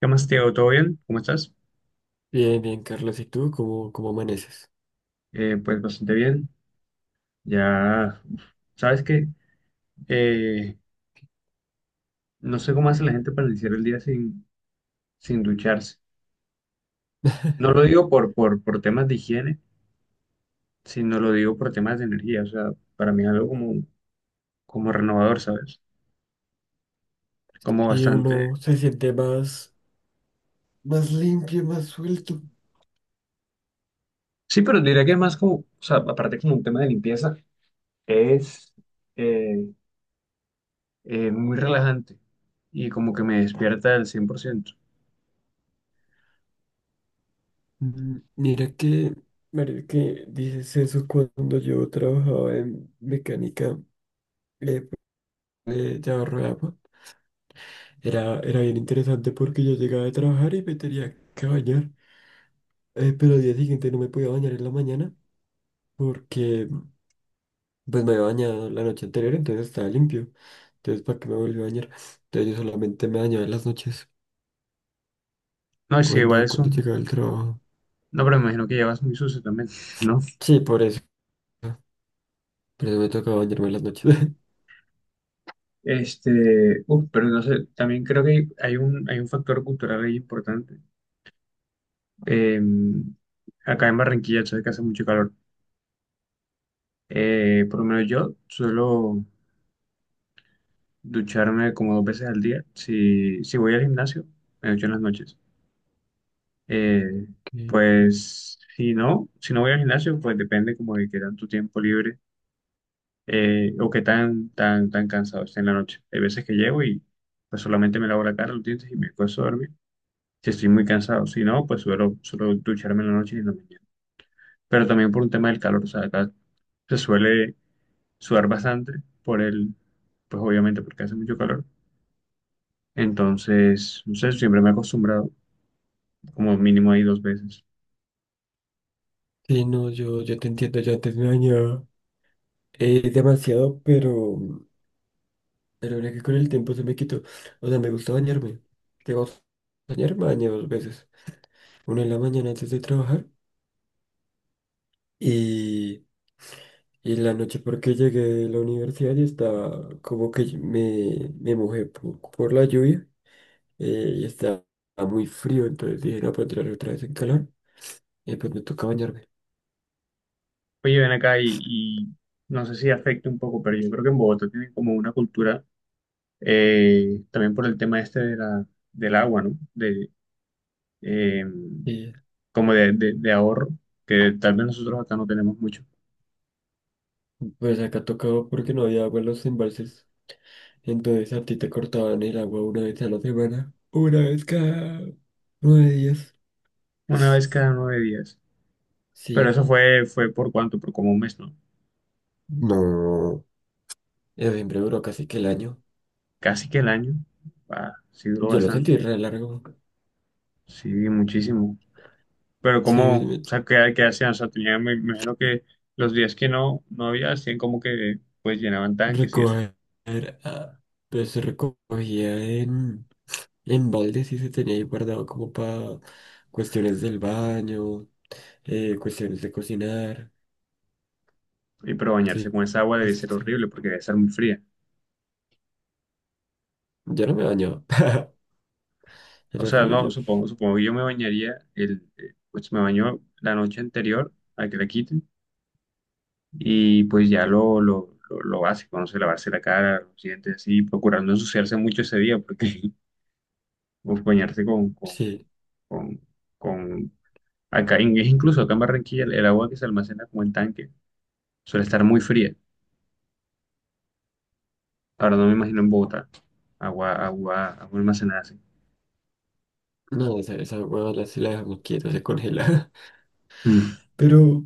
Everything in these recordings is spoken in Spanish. ¿Qué más, Tiago? ¿Todo bien? ¿Cómo estás? Bien, bien, Carlos. ¿Y tú cómo amaneces? Pues bastante bien. Ya, uf, sabes que no sé cómo hace la gente para iniciar el día sin ducharse. No lo digo por temas de higiene, sino lo digo por temas de energía. O sea, para mí es algo como renovador, ¿sabes? Como Y bastante. uno se siente más, más limpio, más suelto. Sí, pero diría que es más como, o sea, aparte como un tema de limpieza, es eh, muy relajante y como que me despierta al 100%. Mm, mira que dices eso cuando yo trabajaba en mecánica eh, de llavarro de agua. Era bien interesante porque yo llegaba de trabajar y me tenía que bañar. Pero al día siguiente no me podía bañar en la mañana porque pues me había bañado la noche anterior, entonces estaba limpio. Entonces, ¿para qué me volví a bañar? Entonces yo solamente me bañaba en las noches. No, sí, igual Cuando, es cuando un, llegaba el trabajo. no, pero me imagino que llevas muy sucio también, ¿no? Sí, por eso. Por eso me tocaba bañarme en las noches. Uf, pero no sé, también creo que hay un factor cultural ahí importante. Eh, Acá en Barranquilla, sabes que hace mucho calor. Por lo menos yo suelo ducharme como dos veces al día. Si voy al gimnasio, me ducho en las noches. Eh, Sí, pues si no, si no voy al gimnasio, pues depende como de qué tanto tiempo libre. O que tan cansado esté en la noche. Hay veces que llego y pues solamente me lavo la cara, los dientes y me puedo a dormir. Si estoy muy cansado, si no, pues suelo ducharme en la noche y en la mañana. Pero también por un tema del calor, o sea, acá se suele sudar bastante por el, pues obviamente porque hace mucho calor. Entonces, no sé, siempre me he acostumbrado como mínimo ahí dos veces. sí, no, yo te entiendo, yo antes me bañaba demasiado, pero mira que con el tiempo se me quitó. O sea, me gusta bañarme. Tengo que bañarme, me baño dos veces. Una en la mañana antes de trabajar y, y en la noche porque llegué de la universidad y estaba como que me mojé por la lluvia y estaba muy frío, entonces dije, no, puedo entrar otra vez en calor. Y pues me toca bañarme. Oye, ven acá y no sé si afecta un poco, pero yo creo que en Bogotá tienen como una cultura también por el tema este del agua, ¿no? Eh, Y Como de ahorro, que tal vez nosotros acá no tenemos mucho, pues acá tocaba porque no había agua en los embalses. Entonces a ti te cortaban el agua una vez a la semana. Una vez cada nueve días. una vez cada nueve días, pero Sí. eso fue por cuánto, por como un mes, ¿no? No. Eso siempre duró casi que el año. Casi que el año, ah, sí duró Yo lo bastante, sentí re largo. sí, muchísimo, pero Sí, como, o sea, ¿qué hacían? O sea, tenía, me imagino que los días que no había, hacían como que, pues llenaban tanques y eso, recoger. Ah, pues se recogía en baldes y se tenía ahí guardado como para cuestiones del baño, cuestiones de cocinar. y pero bañarse Sí. con esa agua debe ser horrible porque debe ser muy fría. Yo no me baño. O Era sea, horrible no, yo. Supongo que yo me bañaría, pues me baño la noche anterior a que la quiten y pues ya lo básico, no sé, lavarse la cara, los dientes, así, procurar no ensuciarse mucho ese día porque pues, bañarse Sí. con, con- acá, es incluso acá en Barranquilla el agua que se almacena como en tanque suele estar muy fría. Ahora no me imagino en Bogotá, agua almacenada así. No, esa hueva la, si la dejamos quieta se congela. Pero,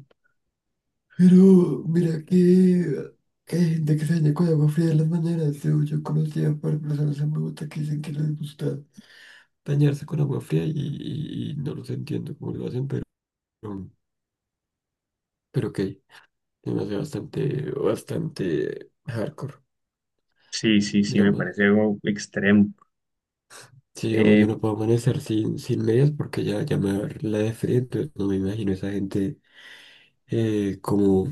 pero, que hay gente que se baña con agua fría en las mañanas. Yo conocí a par de personas en Bogotá que dicen que les gusta bañarse con agua fría y no los entiendo cómo lo hacen, pero ok. Se me hace bastante hardcore, Sí, sí, sí, me parece digamos. algo extremo. Sí, digamos, Eh, yo no puedo amanecer sin medias porque ya me va a dar la de frío, entonces no me imagino esa gente eh, como,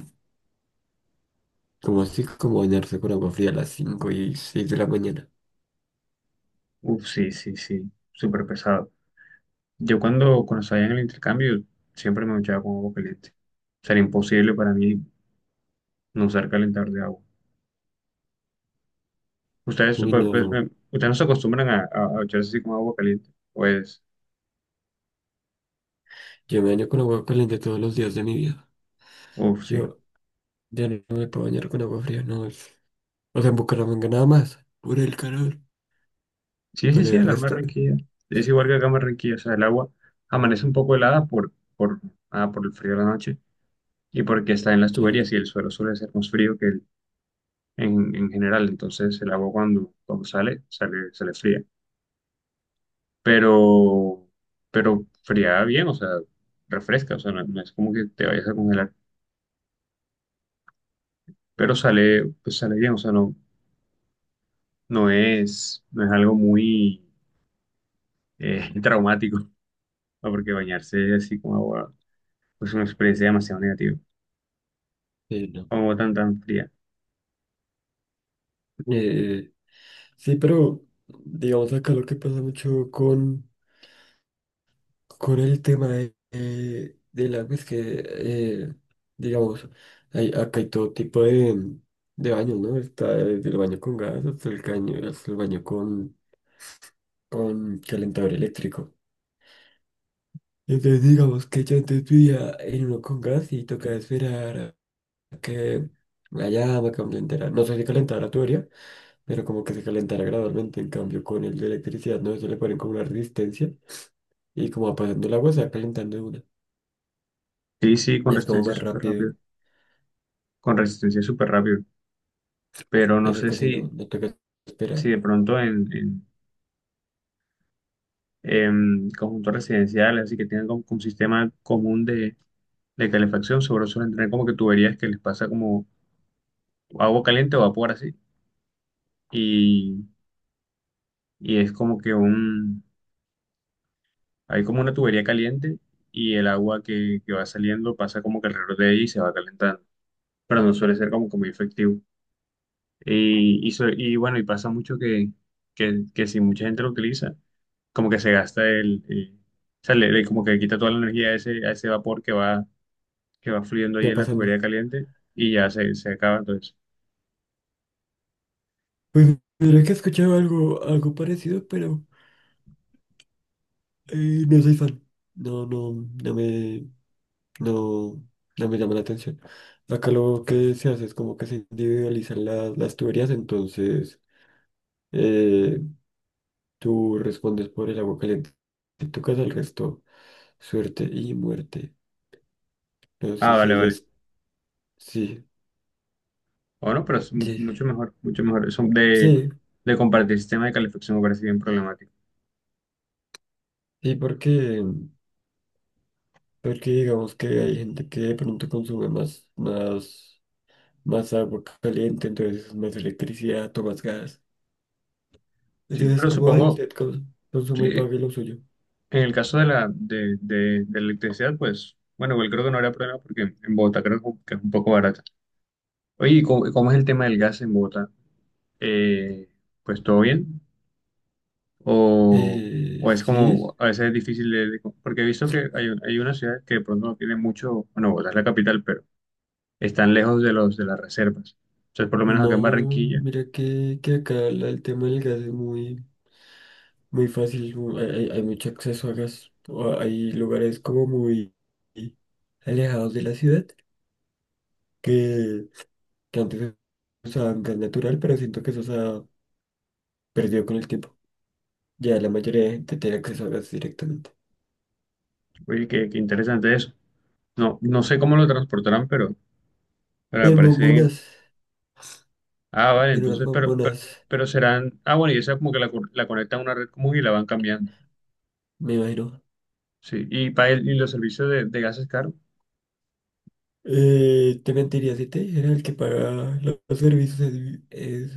como así, como bañarse con agua fría a las 5 y 6 de la mañana. Uf, sí, sí, sí, súper pesado. Yo cuando salía en el intercambio siempre me duchaba con agua caliente. O sea, era imposible para mí no usar calentador de agua. Ustedes, Y no, no, ustedes no se acostumbran a ducharse así con agua caliente. Pues, yo me baño con agua caliente todos los días de mi vida. uf, sí. Yo ya no me puedo bañar con agua fría, no es. O sea, en Bucaramanga nada más, por el calor. Sí, sí, Pero sí, el acá en resto, Barranquilla. Es igual que acá en Barranquilla. O sea, el agua amanece un poco helada ah, por el frío de la noche y porque está en las sí, tuberías y el suelo suele ser más frío que el, en general. Entonces el agua cuando, cuando sale fría. pero, pero fría bien, o sea, refresca, o sea, no, no es como que te vayas a congelar, pero sale, pues sale bien, o sea, no, no es algo muy traumático, ¿no? Porque bañarse así con agua pues, es una experiencia demasiado negativa, sí, no. con agua tan fría. Eh, sí, pero digamos acá lo que pasa mucho con el tema de, del agua, es que, digamos, hay, acá hay todo tipo de baños, ¿no? Está desde el baño con gas hasta el caño, hasta el baño con calentador eléctrico. Entonces, digamos que yo antes vivía en uno con gas y tocaba esperar a que la llama calentara. No sé si calentara tu área, pero como que se calentara gradualmente. En cambio, con el de electricidad, ¿no? Eso le ponen como una resistencia y como va pasando el agua, se va calentando de una. Sí, sí, con Es como resistencia más súper rápido. rápido, con resistencia súper rápido, pero no Eso sé casi si, no toca si esperar. de pronto en conjuntos residenciales, así que tengan como un sistema común de calefacción, sobre suelen tener como que tuberías que les pasa como agua caliente o vapor así. Y, y es como que hay como una tubería caliente y el agua que va saliendo pasa como que alrededor de ella y se va calentando. Pero no suele ser como que muy efectivo. Y bueno, y pasa mucho que si mucha gente lo utiliza, como que se gasta o sea, como que le quita toda la energía a ese vapor que va fluyendo ¿Qué ahí va en la tubería pasando? caliente y ya se acaba entonces. Pues mira que he escuchado algo, algo parecido, pero no soy fan. No, no, no me, no, no me llama la atención. Acá lo que se hace es como que se individualizan las tuberías, entonces eh, tú respondes por el agua caliente. Si tocas el resto, suerte y muerte. No sé Ah, si vale, allá vale. es... Sí, Bueno, pero es sí, mucho mejor, mucho mejor. Eso sí, de compartir sistema de calefacción me parece bien problemático. sí, porque... Porque digamos que hay gente que de pronto consume más agua caliente, entonces más electricidad o más gas. Sí, Entonces, pero ¿cómo hay supongo usted consume y sí pague lo suyo? en el caso de la electricidad, pues, bueno, igual creo que no habrá problema porque en Bogotá creo que es un poco barata. Oye, ¿y cómo es el tema del gas en Bogotá? Eh, pues todo bien. O, o es Sí, como, a veces es difícil porque he visto que hay una ciudad que de pronto no tiene mucho, bueno, Bogotá es la capital, pero están lejos de los de las reservas. Entonces, por lo menos acá en no, Barranquilla mira que acá la- el tema del gas es muy fácil, mu- hay, hay mucho acceso a gas. O hay lugares como muy alejados de la ciudad que, que antes usaban gas natural, pero siento que eso se ha perdido con el tiempo. Ya la mayoría de gente tiene acceso a gas directamente. oye, qué, qué interesante eso. No, no sé cómo lo transportarán, pero me En parece bien. bombonas, Ah, vale, en unas entonces, bombonas, pero serán. Ah, bueno, y esa como que la conectan a una red común y la van cambiando. me imagino. Sí, y, y los servicios de gas es caro. Te mentiría si te dijera el que paga los servicios es,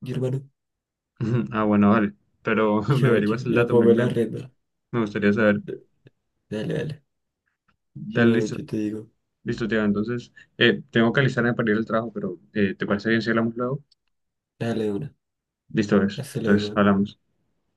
mi hermano. Ujú. Ah, bueno, vale. Pero me averiguas el Yo dato, pongo la renta. me gustaría saber. D- Dale, dale. Dale, listo, Yo te digo. listo, Teo. Entonces, tengo que alistarme para ir al trabajo, pero ¿te parece bien si hablamos luego? Dale una. Listo, ves. Hasta Entonces, luego. hablamos.